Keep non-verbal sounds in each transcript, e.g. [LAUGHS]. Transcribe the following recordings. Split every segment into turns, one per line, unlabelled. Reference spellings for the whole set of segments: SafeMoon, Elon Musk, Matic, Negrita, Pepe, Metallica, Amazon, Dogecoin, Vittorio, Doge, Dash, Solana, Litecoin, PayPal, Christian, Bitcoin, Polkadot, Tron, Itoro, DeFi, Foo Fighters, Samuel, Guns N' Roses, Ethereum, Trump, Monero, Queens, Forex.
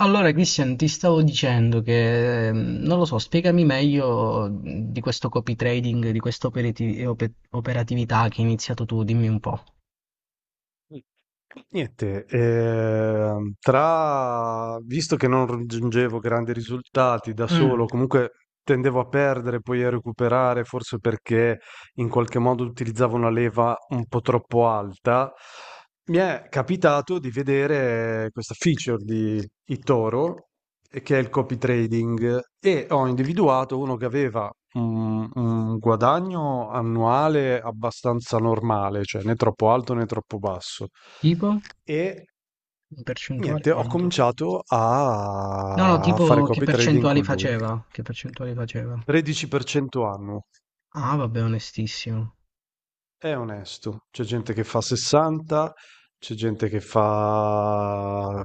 Allora, Christian, ti stavo dicendo che, non lo so, spiegami meglio di questo copy trading, di questa operatività che hai iniziato tu, dimmi un po'.
Mh. Niente, visto che non raggiungevo grandi risultati da solo,
Mm.
comunque tendevo a perdere, poi a recuperare, forse perché in qualche modo utilizzavo una leva un po' troppo alta, mi è capitato di vedere questa feature di Itoro, che è il copy trading, e ho individuato uno che aveva un guadagno annuale abbastanza normale, cioè né troppo alto né troppo basso
Tipo?
e
In percentuale
niente, ho
quanto?
cominciato
No, no,
a fare
tipo che
copy trading
percentuali
con lui.
faceva? Che percentuali faceva?
13% annuo.
Ah, vabbè, onestissimo.
È onesto, c'è gente che fa 60, c'è gente che fa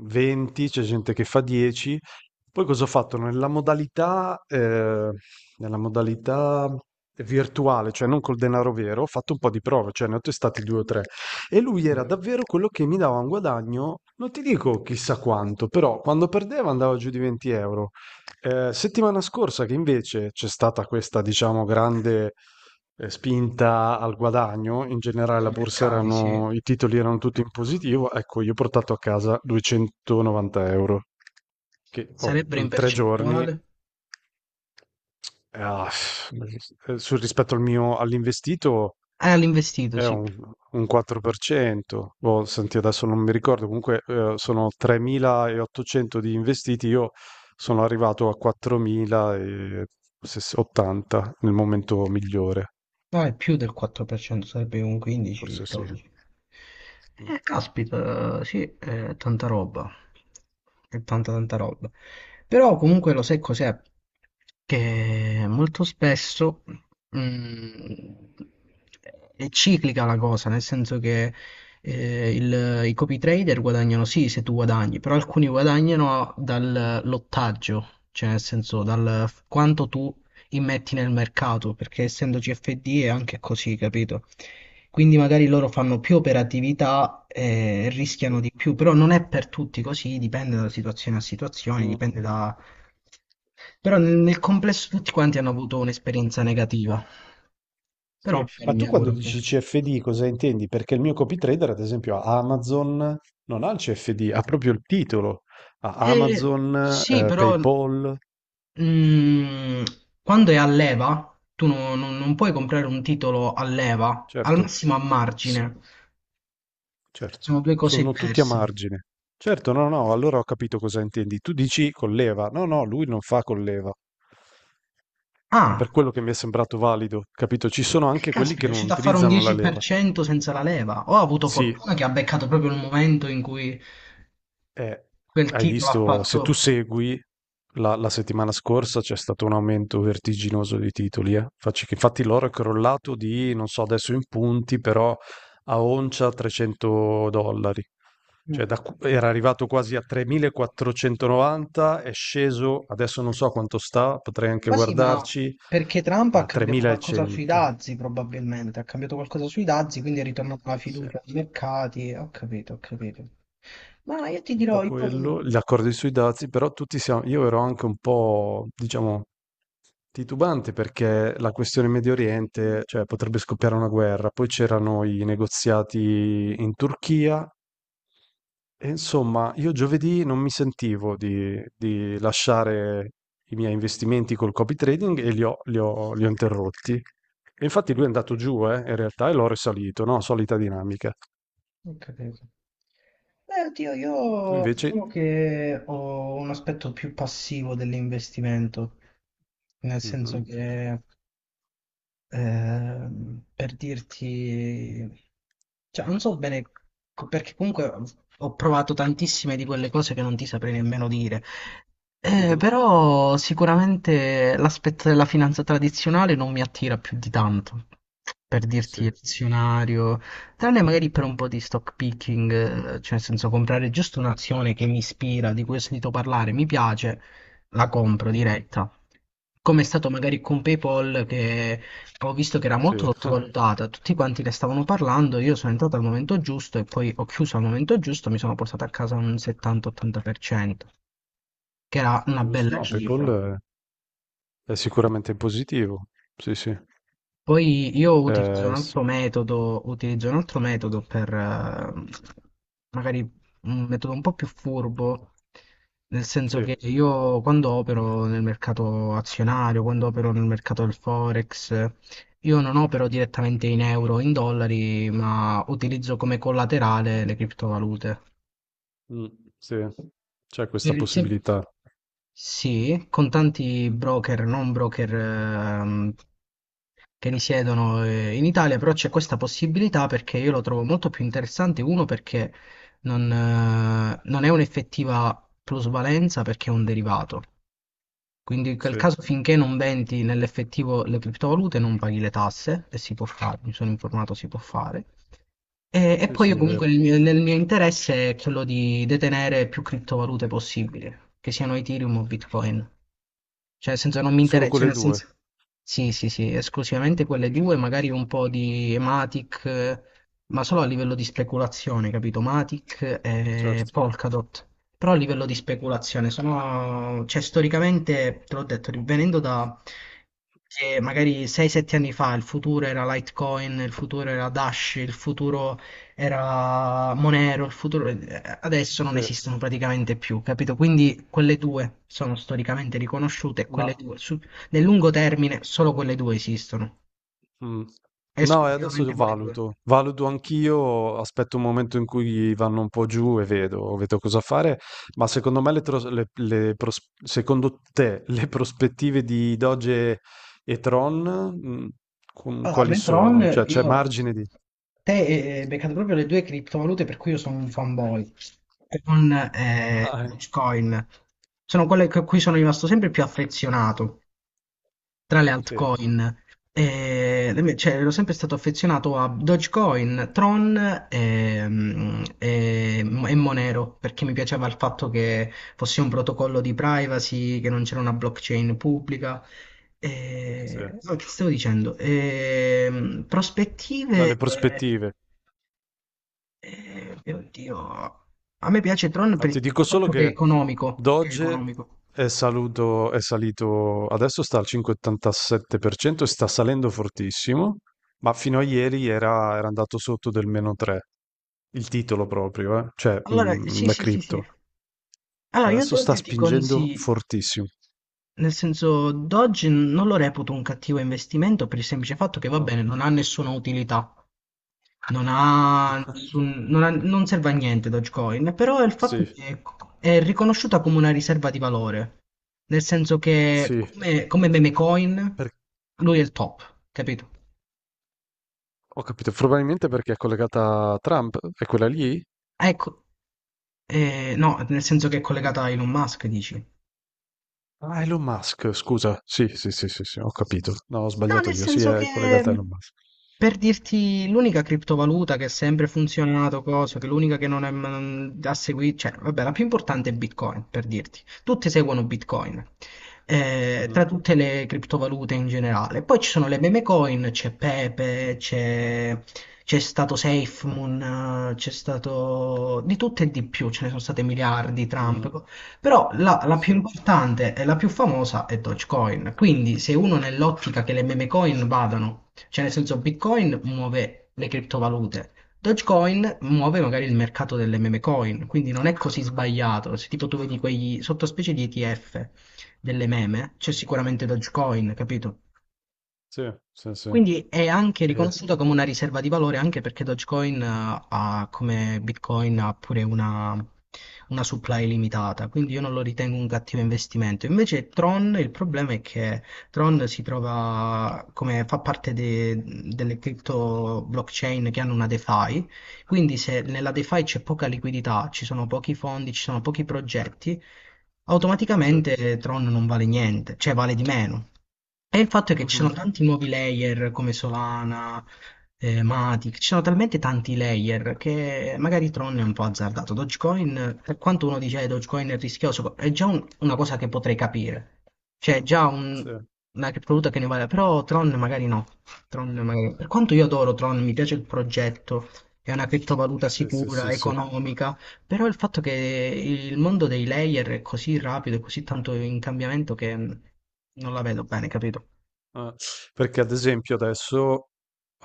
20, c'è gente che fa 10. Poi cosa ho fatto? Nella modalità virtuale, cioè non col denaro vero, ho fatto un po' di prove, cioè ne ho testati due o tre. E lui era davvero quello che mi dava un guadagno, non ti dico chissà quanto, però quando perdeva andava giù di 20 euro. Settimana scorsa che invece c'è stata questa, diciamo, grande spinta al guadagno, in generale
Nei mercati, sì.
i titoli erano tutti in positivo, ecco, io ho portato a casa 290 euro, che, oh,
Sarebbero in
in 3 giorni.
percentuale?
Ah, eh, sul rispetto al mio, all'investito
All'investito,
è
sì.
un 4%. Boh, senti, adesso non mi ricordo, comunque sono 3.800 di investiti, io sono arrivato a 4.080 nel momento migliore,
No, è più del 4%, sarebbe un
forse sì.
15-12.
Mm.
Caspita, sì, è tanta roba. È tanta tanta roba. Però comunque lo sai cos'è? Che molto spesso mm, è ciclica la cosa, nel senso che i copy trader guadagnano sì se tu guadagni, però alcuni guadagnano dal lottaggio, cioè nel senso quanto tu immetti nel mercato, perché essendo CFD è anche così, capito? Quindi magari loro fanno più operatività e
Sì.
rischiano di più, però non è per tutti così, dipende da situazione a situazione,
Mm.
dipende da... Però nel complesso tutti quanti hanno avuto un'esperienza negativa, però
Sì,
magari
ma
mi
tu quando
auguro che...
dici CFD cosa intendi? Perché il mio copy-trader, ad esempio, a Amazon non ha il CFD, ha proprio il titolo. Ha Amazon,
Sì, però
PayPal,
mm, quando è a leva, tu non, non- non puoi comprare un titolo a leva, al
certo,
massimo a
s-
margine,
certo,
sono due cose
sono tutti a
diverse.
margine. Certo, no, no, allora ho capito cosa intendi. Tu dici colleva. No, no, lui non fa colleva. È
Ah.
per quello che mi è sembrato valido, capito? Ci sono
E
anche quelli
caspita, è
che non
riuscito a fare un
utilizzano la leva.
10% senza la leva. Ho avuto
Sì,
fortuna che ha beccato proprio il momento in cui
Eh,
quel
hai
titolo ha
visto, se tu
fatto.
segui, la settimana scorsa c'è stato un aumento vertiginoso di titoli, eh. Facci che infatti l'oro è crollato di, non so adesso in punti, però a oncia 300 dollari.
Eh,
Cioè era arrivato quasi a 3.490, è sceso, adesso non so quanto sta, potrei anche
Ma sì, ma
guardarci,
perché Trump
ma
ha
a
cambiato qualcosa sui
3.100.
dazi, probabilmente. Ha cambiato qualcosa sui dazi, quindi è ritornata la
Sì, un
fiducia ai mercati. Ho capito, ho capito. Ma io ti dirò,
po'
io... Ho
quello, gli accordi sui dazi, però tutti siamo, io ero anche un po', diciamo, titubante perché la questione Medio Oriente, cioè potrebbe scoppiare una guerra, poi c'erano i negoziati in Turchia e insomma io giovedì non mi sentivo di lasciare i miei investimenti col copy trading e li ho interrotti. E infatti lui è andato
capito,
giù, in realtà, e l'ho risalito, no? Solita dinamica.
ho capito. Oddio,
Tu
io
invece.
diciamo che ho un aspetto più passivo dell'investimento, nel senso
Mhm,
che per dirti, cioè, non so bene perché comunque ho provato tantissime di quelle cose che non ti saprei nemmeno dire.
mhm,
Però sicuramente l'aspetto della finanza tradizionale non mi attira più di tanto. Per
sì,
dirti il azionario, tranne magari per un po' di stock picking, cioè nel senso comprare giusto un'azione che mi ispira, di cui ho sentito parlare, mi piace, la compro
mm,
diretta. Come è stato magari con PayPal che ho visto che era molto
sì, [LAUGHS]
sottovalutata, tutti quanti ne stavano parlando, io sono entrato al momento giusto e poi ho chiuso al momento giusto, mi sono portato a casa un 70-80%, che era una
giusto.
bella
No,
cifra.
PayPal è sicuramente positivo, sì, sì.
Poi io utilizzo un
Eh,
altro metodo, utilizzo un altro metodo per magari un metodo un po' più furbo, nel senso
Sì,
che io quando opero nel mercato azionario, quando opero nel mercato del Forex, io non opero direttamente in euro, o in dollari, ma utilizzo come collaterale le criptovalute.
mh, sì, c'è
Per
questa
il sem-
possibilità.
sì, con tanti broker, non broker che risiedono in Italia, però c'è questa possibilità perché io lo trovo molto più interessante. Uno, perché non è un'effettiva plusvalenza perché è un derivato. Quindi in quel
Sì,
caso finché non vendi nell'effettivo le criptovalute non paghi le tasse, e si può fare, mi sono informato si può fare. E
sì,
poi
sì,
io
è
comunque
vero.
nel mio interesse è quello di detenere più criptovalute possibile, che siano Ethereum o Bitcoin. Cioè, nel senso non mi
Solo
interessa, cioè,
quelle
nel
2,
senso... Sì, sì, sì, esclusivamente quelle due, magari un po' di Matic, ma solo a livello di speculazione, capito? Matic e
certo.
Polkadot. Però a livello di speculazione sono... Cioè, storicamente, te l'ho detto, venendo da... che magari 6-7 anni fa il futuro era Litecoin, il futuro era Dash, il futuro era Monero, il futuro, adesso non
Sì,
esistono praticamente più, capito? Quindi quelle due sono storicamente riconosciute,
ma
nel lungo termine solo quelle due esistono,
mh. No, e adesso
esclusivamente quelle due.
valuto. Valuto anch'io, aspetto un momento in cui vanno un po' giù e vedo cosa fare, ma secondo me le tros le pros secondo te le prospettive di Doge e Tron, con
Allora,
quali sono?
Metron,
Cioè, c'è
io...
margine di
Te hai beccato proprio le due criptovalute per cui io sono un fanboy. Con
ah, eh,
Dogecoin. Sono quelle a cui sono rimasto sempre più affezionato, tra le
sì,
altcoin. Cioè, ero sempre stato affezionato a Dogecoin, Tron e Monero perché mi piaceva il fatto che fosse un protocollo di privacy, che non c'era una blockchain pubblica.
sì,
E no, che stavo dicendo? Prospettive.
dalle prospettive.
Oddio, a me piace Tron
No,
per il
ti dico
semplice
solo
fatto che è
che
economico, che è
Doge
economico.
è, è salito, adesso sta al 5,87% e sta salendo fortissimo, ma fino a ieri era andato sotto del meno 3, il titolo proprio, eh? Cioè
Allora, sì,
la
sì, sì, sì.
cripto.
Allora, io ad
Adesso sta
oggi ti
spingendo
consiglio,
fortissimo.
nel senso, Dodge non lo reputo un cattivo investimento per il semplice fatto che, va
Ah.
bene, non ha nessuna utilità, non ha
[LAUGHS]
nessun- non ha- non serve a niente Dogecoin, però è il fatto
Sì,
che è riconosciuta come una riserva di valore, nel senso che
sì,
come meme coin
per-
lui è il top, capito?
ho capito, probabilmente perché è collegata a Trump, è quella lì?
Ecco, no, nel senso che è collegata a Elon Musk, dici?
Ah, Elon Musk, scusa. Sì, sì, sì, sì, sì, ho capito. No, ho
No,
sbagliato
nel
io. Sì,
senso
è
che
collegata a Elon Musk.
per dirti, l'unica criptovaluta che ha sempre funzionato, cosa, che l'unica che non è, mm, ha seguito, cioè, vabbè, la più importante è Bitcoin, per dirti. Tutti seguono Bitcoin, tra
Mhm.
tutte le criptovalute in generale. Poi ci sono le meme coin, c'è Pepe, c'è stato SafeMoon, c'è stato di tutto e di più, ce ne sono state miliardi, Trump,
Mm.
co- però la
Sì.
più importante e la più famosa è Dogecoin. Quindi, se uno nell'ottica che le meme coin vadano cioè, nel senso, Bitcoin muove le criptovalute, Dogecoin muove magari il mercato delle meme coin, quindi non è così sbagliato. Se tipo tu vedi quegli sottospecie di ETF delle meme, c'è
Mm.
sicuramente Dogecoin, capito?
Sì, sì, sì.
Quindi è anche
Eh,
riconosciuta come una riserva di valore anche perché Dogecoin ha, come Bitcoin ha pure una supply limitata, quindi io non lo ritengo un cattivo investimento. Invece Tron, il problema è che Tron si trova come fa parte delle crypto blockchain che hanno una DeFi, quindi se nella DeFi c'è poca liquidità, ci sono pochi fondi, ci sono pochi progetti,
sì.
automaticamente Tron non vale niente, cioè vale di meno. E il fatto è che ci sono
Mhm.
tanti nuovi layer come Solana, Matic, ci sono talmente tanti layer che magari Tron è un po' azzardato. Dogecoin, per quanto uno dice che Dogecoin è rischioso, è già una cosa che potrei capire. Cioè, è già
Sì,
una criptovaluta che ne vale, però Tron magari no. Per quanto io adoro Tron, mi piace il progetto, è una criptovaluta
sì, sì,
sicura,
sì.
economica, però il fatto che il mondo dei layer è così rapido e così tanto in cambiamento che non la vedo bene, capito?
Ah, perché ad esempio adesso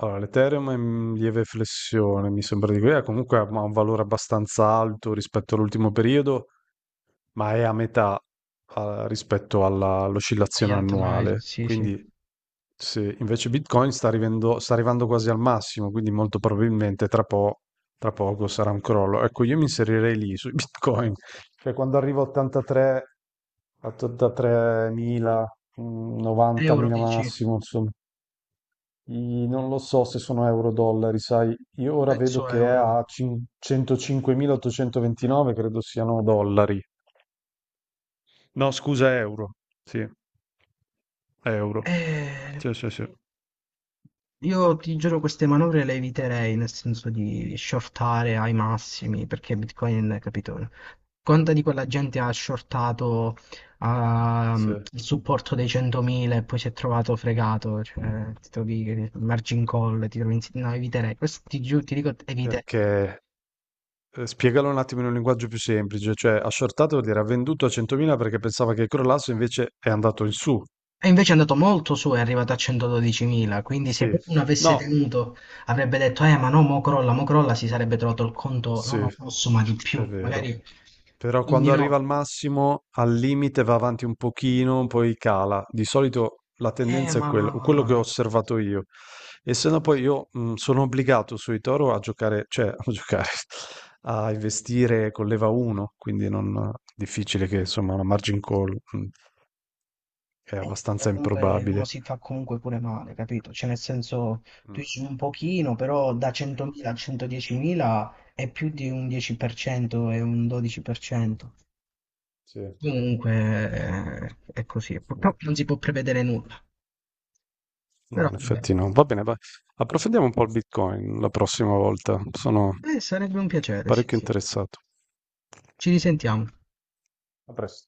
allora, l'Ethereum è in lieve flessione, mi sembra di dire, comunque ha un valore abbastanza alto rispetto all'ultimo periodo, ma è a metà rispetto
Agli
all'oscillazione
altri, magari,
annuale.
sì, sì.
Quindi se invece Bitcoin sta arrivando quasi al massimo, quindi molto probabilmente tra poco sarà un crollo. Ecco, io mi inserirei lì sui [LAUGHS] Bitcoin, cioè quando arrivo a 83 83.000,
Euro
90.000
dici?
massimo, insomma. Non lo so se sono euro-dollari, sai, io ora vedo
Penso a
che è
euro.
a 105.829, credo siano dollari. No, scusa, euro. Sì, euro.
Eh,
Sì, sì, sì.
Io ti giuro queste manovre le eviterei, nel senso di shortare ai massimi, perché Bitcoin, capito? Conta di quella gente ha shortato
Sì,
il supporto dei 100.000 e poi si è trovato fregato, cioè, ti trovi il margin call, ti trovi... in- No, eviterei, questo ti giuro, ti dico, eviterei.
perché spiegalo un attimo in un linguaggio più semplice, cioè ha shortato vuol dire ha venduto a 100.000 perché pensava che crollasse, invece è andato in su.
È invece è andato molto su, è arrivato a 112.000, quindi se
Sì,
poi uno avesse
no,
tenuto avrebbe detto, ma no, mo crolla, si sarebbe trovato il conto,
sì,
no, no,
è
posso, ma di più,
vero.
magari,
Però
quindi
quando arriva al
no,
massimo, al limite va avanti un pochino, poi cala. Di solito la
eh
tendenza è
ma
quello, quello che ho osservato io. E se no poi io sono obbligato sui Toro a giocare, cioè a giocare, [LAUGHS] a investire con leva 1, quindi non è difficile che insomma una margin call è abbastanza
eh, comunque uno
improbabile.
si fa comunque pure male, capito? Cioè nel senso,
Mm.
tu dici un pochino, però da 100.000 a 110.000 è più di un 10% e un 12%.
Sì.
Comunque è così, purtroppo non si può prevedere nulla,
No,
però
in
vabbè.
effetti no. Va bene, approfondiamo un po' il Bitcoin la prossima volta. Sono
Sarebbe un piacere, sì,
parecchio
sì.
interessato.
Ci risentiamo.
A presto.